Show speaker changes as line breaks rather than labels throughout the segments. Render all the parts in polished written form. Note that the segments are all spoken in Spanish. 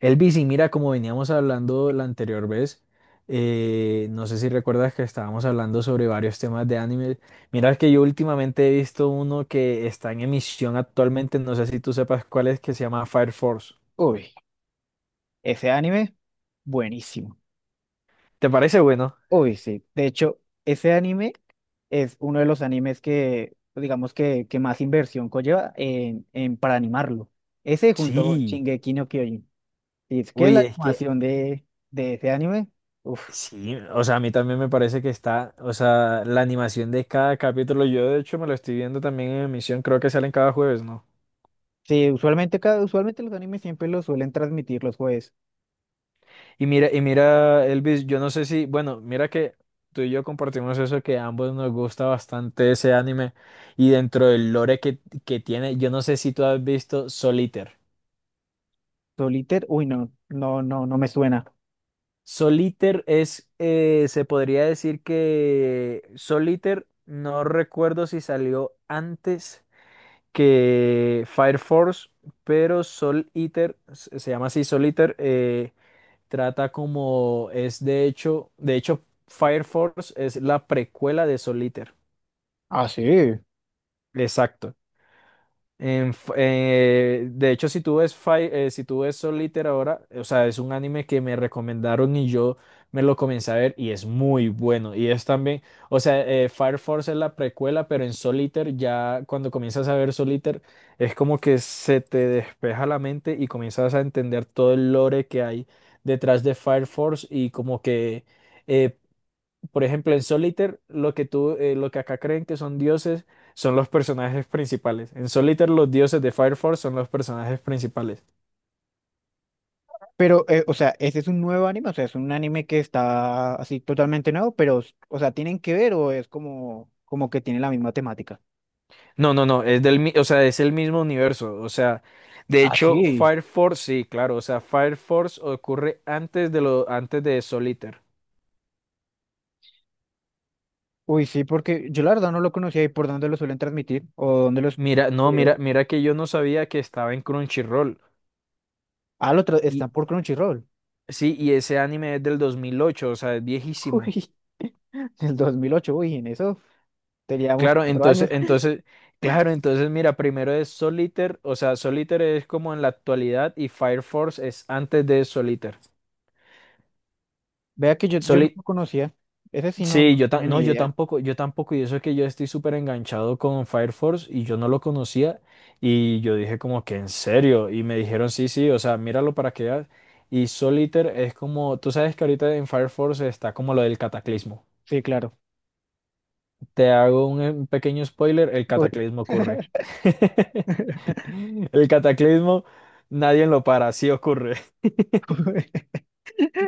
Elvis, y mira, como veníamos hablando la anterior vez, no sé si recuerdas que estábamos hablando sobre varios temas de anime. Mira que yo últimamente he visto uno que está en emisión actualmente, no sé si tú sepas cuál es, que se llama Fire Force.
Uy, ese anime, buenísimo.
¿Te parece bueno?
Uy, sí. De hecho, ese anime es uno de los animes que, que más inversión conlleva para animarlo. Ese junto con
Sí,
Shingeki no Kyojin. Y es que la
uy, es que
animación de ese anime, uff.
sí, o sea, a mí también me parece que está, o sea, la animación de cada capítulo, yo de hecho me lo estoy viendo también en emisión, creo que salen cada jueves, ¿no?
Sí, usualmente los animes siempre los suelen transmitir los jueves.
Y mira, Elvis, yo no sé si, bueno, mira que tú y yo compartimos eso que a ambos nos gusta bastante ese anime y dentro del lore que tiene, yo no sé si tú has visto Soliter.
Solitaire, uy, no me suena.
Soliter es, se podría decir que Soliter, no recuerdo si salió antes que Fire Force, pero Soliter, se llama así Soliter, trata como es de hecho Fire Force es la precuela de Soul Eater.
Ah, sí.
Exacto. De hecho, si tú ves, si tú ves Soul Eater ahora, o sea, es un anime que me recomendaron y yo me lo comencé a ver y es muy bueno. Y es también, o sea, Fire Force es la precuela, pero en Soul Eater ya cuando comienzas a ver Soul Eater es como que se te despeja la mente y comienzas a entender todo el lore que hay detrás de Fire Force y como que... eh, por ejemplo, en Solitaire, lo que tú, lo que acá creen que son dioses son los personajes principales. En Solitaire, los dioses de Fire Force son los personajes principales.
Pero, o sea, ese es un nuevo anime, o sea, es un anime que está así totalmente nuevo, pero, o sea, ¿tienen que ver o es como, como que tiene la misma temática?
No, es del, o sea, es el mismo universo. O sea, de
Ah,
hecho,
sí.
Fire Force, sí, claro. O sea, Fire Force ocurre antes de lo, antes de Solitaire.
Uy, sí, porque yo la verdad no lo conocía y por dónde lo suelen transmitir o dónde los...
Mira, no, mira, mira que yo no sabía que estaba en Crunchyroll.
Ah,
Y
están por Crunchyroll.
sí, y ese anime es del 2008, o sea, es viejísimo.
Uy, del 2008, uy, en eso teníamos
Claro,
cuatro
entonces,
años.
entonces, claro, entonces mira, primero es Solitaire, o sea, Solitaire es como en la actualidad y Fire Force es antes de Solitaire.
Vea que yo no
Soli-
lo conocía, ese sí
sí,
no tenía ni
no, yo
idea.
tampoco, yo tampoco, y eso es que yo estoy súper enganchado con Fire Force y yo no lo conocía y yo dije como que en serio y me dijeron sí, sí, o sea, míralo para que veas. Y Solitaire es como, tú sabes que ahorita en Fire Force está como lo del cataclismo.
Sí, claro.
Te hago un pequeño spoiler, el
Uy,
cataclismo ocurre. El cataclismo, nadie lo para, sí ocurre.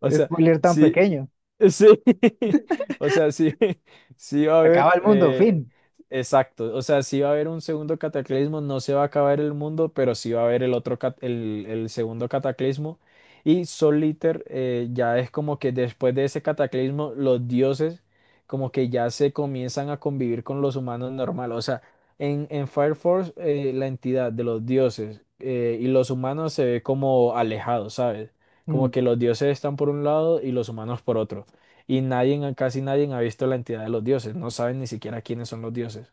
O sea,
spoiler tan
sí,
pequeño.
sí, o sea, sí, sí va a
Se
haber,
acaba el mundo, fin.
exacto, o sea, sí va a haber un segundo cataclismo, no se va a acabar el mundo, pero sí va a haber el otro, el segundo cataclismo. Y Sol Liter ya es como que después de ese cataclismo, los dioses como que ya se comienzan a convivir con los humanos normal. O sea, en Fire Force, la entidad de los dioses y los humanos se ve como alejados, ¿sabes?
Mm.
Como que los dioses están por un lado y los humanos por otro. Y nadie, casi nadie ha visto la entidad de los dioses. No saben ni siquiera quiénes son los dioses.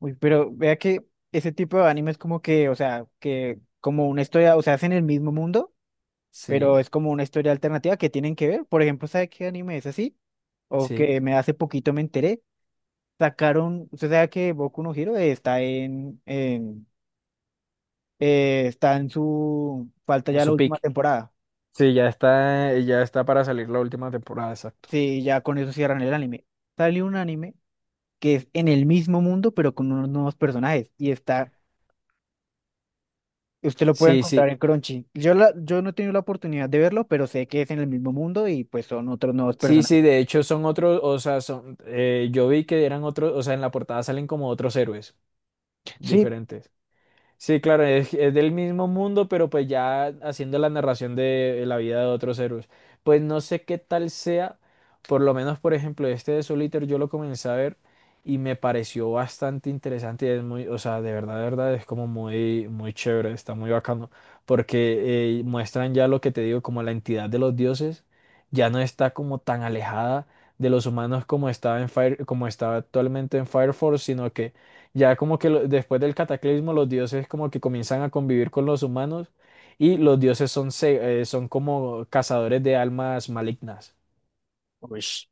Uy, pero vea que ese tipo de anime es como que, o sea, que como una historia, o sea, hacen el mismo mundo,
Sí,
pero es como una historia alternativa que tienen que ver. Por ejemplo, ¿sabe qué anime es así? O
sí,
que me hace poquito me enteré. Sacaron, usted sabe que Boku no Hero está en está en su, falta
en
ya la
su
última
pick.
temporada.
Sí, ya está para salir la última temporada, exacto.
Sí, ya con eso cierran el anime. Salió un anime que es en el mismo mundo, pero con unos nuevos personajes. Y está. Usted lo puede
Sí,
encontrar
sí,
en Crunchy. Yo no he tenido la oportunidad de verlo, pero sé que es en el mismo mundo y pues son otros nuevos
sí,
personajes.
sí, de hecho son otros, o sea, son, yo vi que eran otros, o sea, en la portada salen como otros héroes
Sí,
diferentes. Sí, claro, es del mismo mundo, pero pues ya haciendo la narración de la vida de otros héroes. Pues no sé qué tal sea, por lo menos, por ejemplo, este de Soul Eater yo lo comencé a ver y me pareció bastante interesante y es muy, o sea, de verdad, es como muy, muy chévere, está muy bacano, porque muestran ya lo que te digo, como la entidad de los dioses ya no está como tan alejada de los humanos como estaba en Fire, como estaba actualmente en Fire Force, sino que ya como que después del cataclismo los dioses como que comienzan a convivir con los humanos y los dioses son, son como cazadores de almas malignas.
uish,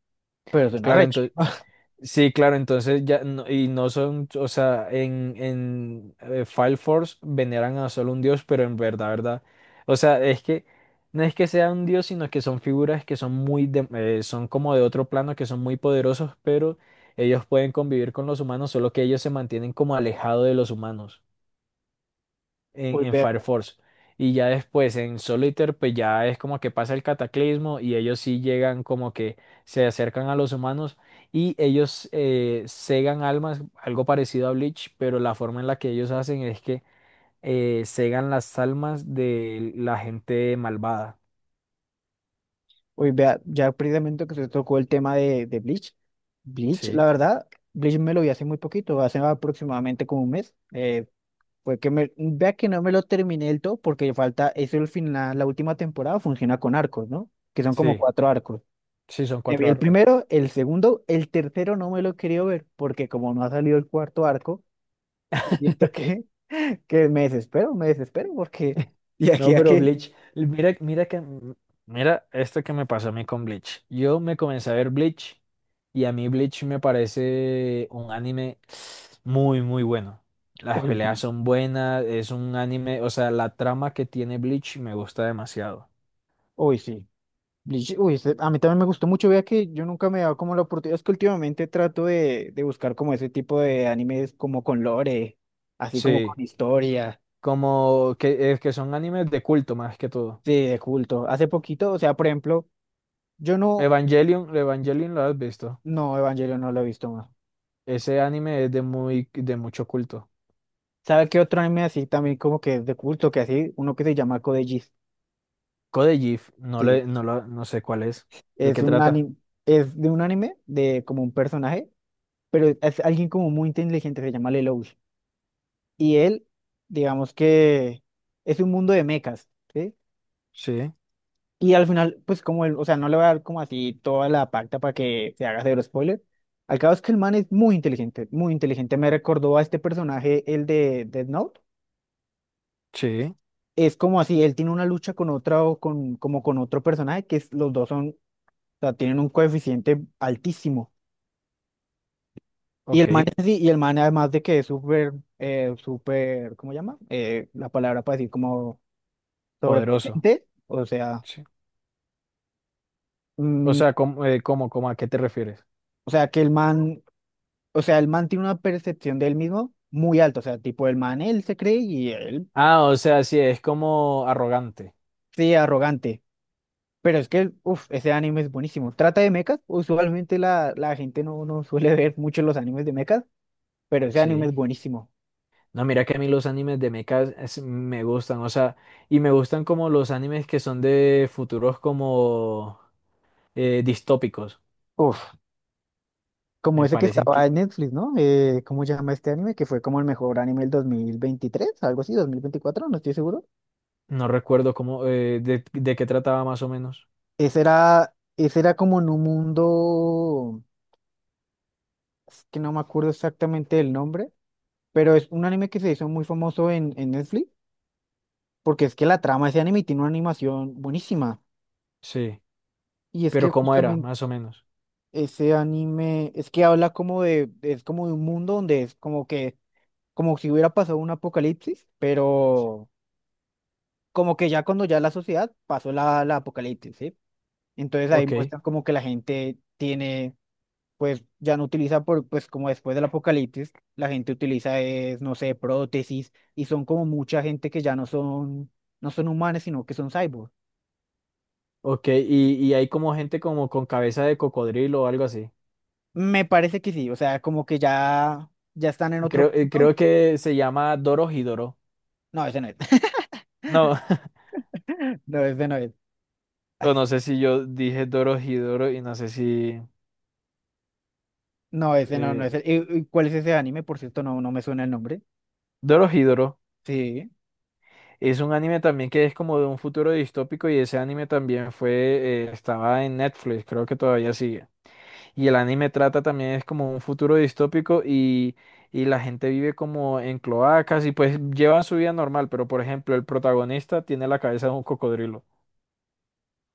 pero suena
Claro,
recho.
entonces, sí, claro, entonces ya, y no son, o sea, en Fire Force veneran a solo un dios, pero en verdad, verdad, o sea, es que no es que sea un dios, sino que son figuras que son muy, son como de otro plano, que son muy poderosos, pero ellos pueden convivir con los humanos, solo que ellos se mantienen como alejados de los humanos
Uy,
en
vea,
Fire Force. Y ya después en Solitaire, pues ya es como que pasa el cataclismo y ellos sí llegan como que se acercan a los humanos y ellos segan almas, algo parecido a Bleach, pero la forma en la que ellos hacen es que segan las almas de la gente malvada.
uy, vea, ya precisamente que se tocó el tema de Bleach. Bleach, la
Sí,
verdad, Bleach me lo vi hace muy poquito, hace aproximadamente como un mes. Fue que me, vea que no me lo terminé del todo porque falta, eso el final, la última temporada funciona con arcos, ¿no? Que son como
sí,
cuatro arcos.
sí, son
Me vi
cuatro
el
arcos.
primero, el segundo, el tercero no me lo he querido ver, porque como no ha salido el cuarto arco, yo siento que, que me desespero, porque y
No,
aquí a
pero
que,
Bleach, mira, mira que, mira esto que me pasó a mí con Bleach. Yo me comencé a ver Bleach y a mí Bleach me parece un anime muy, muy bueno. Las
uy,
peleas
Bleach,
son buenas, es un anime, o sea, la trama que tiene Bleach me gusta demasiado.
uy, sí, Bleach, uy, ese- a mí también me gustó mucho, vea que yo nunca me he dado como la oportunidad, es que últimamente trato de buscar como ese tipo de animes como con lore, así como
Sí,
con historia,
como que, es que son animes de culto más que todo.
sí, de culto. Hace poquito, o sea, por ejemplo, yo no,
Evangelion, Evangelion lo has visto.
no, Evangelio no lo he visto más.
Ese anime es de muy, de mucho culto.
¿Sabe qué otro anime así también como que es de culto, que así, uno que se llama Code Geass?
Code Geass,
Sí,
no sé cuál es. ¿De
es
qué
un
trata?
anime, es de un anime de como un personaje, pero es alguien como muy inteligente, se llama Lelouch. Y él, digamos que es un mundo de mechas, ¿sí?
Sí,
Y al final, pues como él, o sea, no le voy a dar como así toda la pacta para que se haga cero spoiler. Al cabo es que el man es muy inteligente, muy inteligente. Me recordó a este personaje, el de Death Note.
sí,
Es como así, él tiene una lucha con otra o con, como con otro personaje, que es- los dos son sea, tienen un coeficiente altísimo. Y el
ok,
man, es así, y el man además de que es súper, súper, ¿cómo se llama? La palabra para decir como
poderoso.
sobrepotente, o sea,
Sí. O
mm,
sea, ¿cómo, cómo, cómo, a qué te refieres?
o sea, que el man, o sea, el man tiene una percepción de él mismo muy alta, o sea, tipo el man, él se cree y él,
Ah, o sea, sí, es como arrogante.
sí, arrogante. Pero es que, uff, ese anime es buenísimo. Trata de mechas, usualmente la gente no suele ver mucho los animes de mechas, pero ese anime
Sí.
es buenísimo.
No, mira que a mí los animes de mechas me gustan, o sea, y me gustan como los animes que son de futuros como distópicos.
Uf. Como
Me
ese que
parecen
estaba
que,
en Netflix, ¿no? ¿Cómo se llama este anime? Que fue como el mejor anime del 2023, algo así, 2024, no estoy seguro.
no recuerdo cómo, de qué trataba más o menos.
Ese era como en un mundo, es que no me acuerdo exactamente el nombre, pero es un anime que se hizo muy famoso en Netflix, porque es que la trama de ese anime tiene una animación buenísima.
Sí,
Y es que
pero cómo era,
justamente
más o menos.
ese anime, es que habla como de, es como de un mundo donde es como que, como si hubiera pasado un apocalipsis, pero como que ya cuando ya la sociedad pasó la apocalipsis, ¿sí? Entonces ahí
Ok,
muestran como que la gente tiene, pues ya no utiliza, por, pues como después del apocalipsis, la gente utiliza, es, no sé, prótesis y son como mucha gente que ya no son, no son humanos, sino que son cyborgs.
ok, y hay como gente como con cabeza de cocodrilo o algo así.
Me parece que sí, o sea, como que ya, ya están en otro
Creo, creo
punto.
que se llama Dorohedoro.
No, ese no es.
No,
No, ese no es.
o no sé si yo dije Dorohedoro y no sé si...
No, ese no, no
Eh,
es. El- ¿y, y cuál es ese anime? Por cierto, no, no me suena el nombre.
Dorohedoro
Sí.
es un anime también que es como de un futuro distópico y ese anime también fue, estaba en Netflix, creo que todavía sigue. Y el anime trata también es como un futuro distópico y la gente vive como en cloacas y pues llevan su vida normal, pero por ejemplo el protagonista tiene la cabeza de un cocodrilo.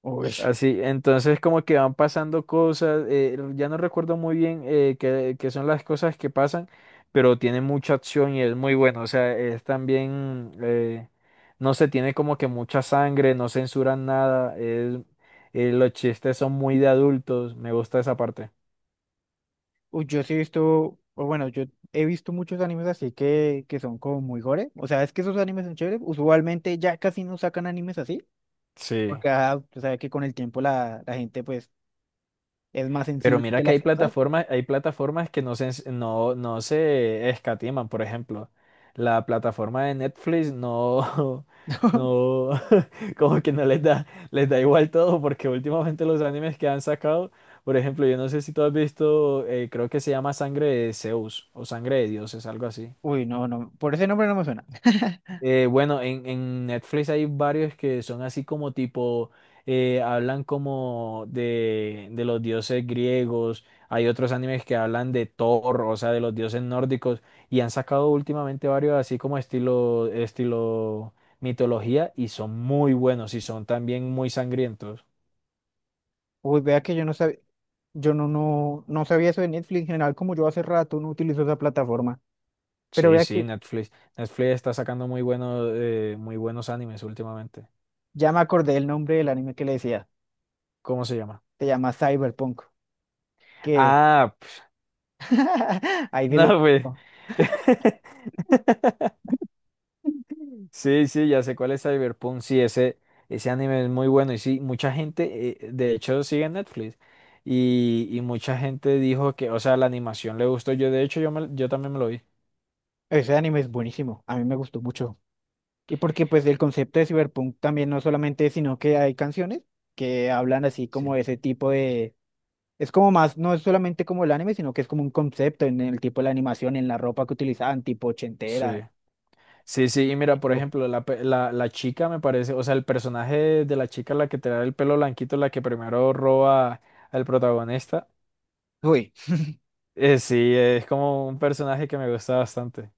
Uy.
Así, entonces como que van pasando cosas, ya no recuerdo muy bien qué, qué son las cosas que pasan, pero tiene mucha acción y es muy bueno, o sea, es también, no se tiene como que mucha sangre, no censuran nada, los chistes son muy de adultos, me gusta esa parte.
Uy, yo sí he visto, o bueno, yo he visto muchos animes así que son como muy gore. O sea, es que esos animes son chéveres. Usualmente ya casi no sacan animes así,
Sí.
porque ah, tú sabes que con el tiempo la gente pues es más
Pero
sensible
mira
de
que
las cosas.
hay plataformas que no se, no, no se escatiman, por ejemplo. La plataforma de Netflix no, no, como que no les da, les da igual todo, porque últimamente los animes que han sacado, por ejemplo, yo no sé si tú has visto, creo que se llama Sangre de Zeus o Sangre de Dioses, algo así.
Uy, no, no, por ese nombre no me suena.
Bueno, en Netflix hay varios que son así como tipo, hablan como de los dioses griegos, hay otros animes que hablan de Thor, o sea, de los dioses nórdicos, y han sacado últimamente varios así como estilo, estilo mitología, y son muy buenos y son también muy sangrientos.
Uy, vea que yo no sabía, yo no, no, no sabía eso de Netflix en general, como yo hace rato no utilizo esa plataforma. Pero
Sí,
vea
sí,
que
Netflix. Netflix está sacando muy buenos animes últimamente.
ya me acordé el nombre del anime que le decía.
¿Cómo se llama?
Se llama Cyberpunk. Que
Ah, pf,
ahí dile.
no, pues.
Oh,
Sí, sí, ya sé cuál es Cyberpunk. Sí, ese anime es muy bueno. Y sí, mucha gente, de hecho, sigue en Netflix. Y mucha gente dijo que, o sea, la animación le gustó. Yo, de hecho, yo, yo también me lo vi.
ese anime es buenísimo, a mí me gustó mucho. Y porque pues el concepto de Cyberpunk también no solamente, sino que hay canciones que hablan así como
Sí.
de ese tipo de... Es como más, no es solamente como el anime, sino que es como un concepto en el tipo de la animación, en la ropa que utilizaban, tipo ochentera.
Sí. Sí, sí. Y mira, por
Tipo-
ejemplo, la, la, la chica me parece, o sea, el personaje de la chica, la que te da el pelo blanquito, la que primero roba al protagonista.
uy,
Sí, es como un personaje que me gusta bastante.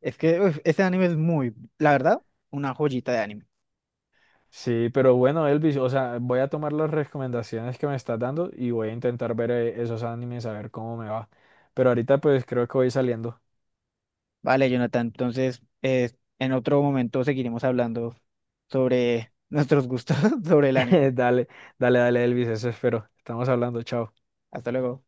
es que uf, ese anime es muy, la verdad, una joyita de anime.
Sí, pero bueno, Elvis, o sea, voy a tomar las recomendaciones que me estás dando y voy a intentar ver esos animes a ver cómo me va. Pero ahorita pues creo que voy saliendo.
Vale, Jonathan, entonces en otro momento seguiremos hablando sobre nuestros gustos sobre el anime.
Dale, dale, Elvis, eso espero. Estamos hablando, chao.
Hasta luego.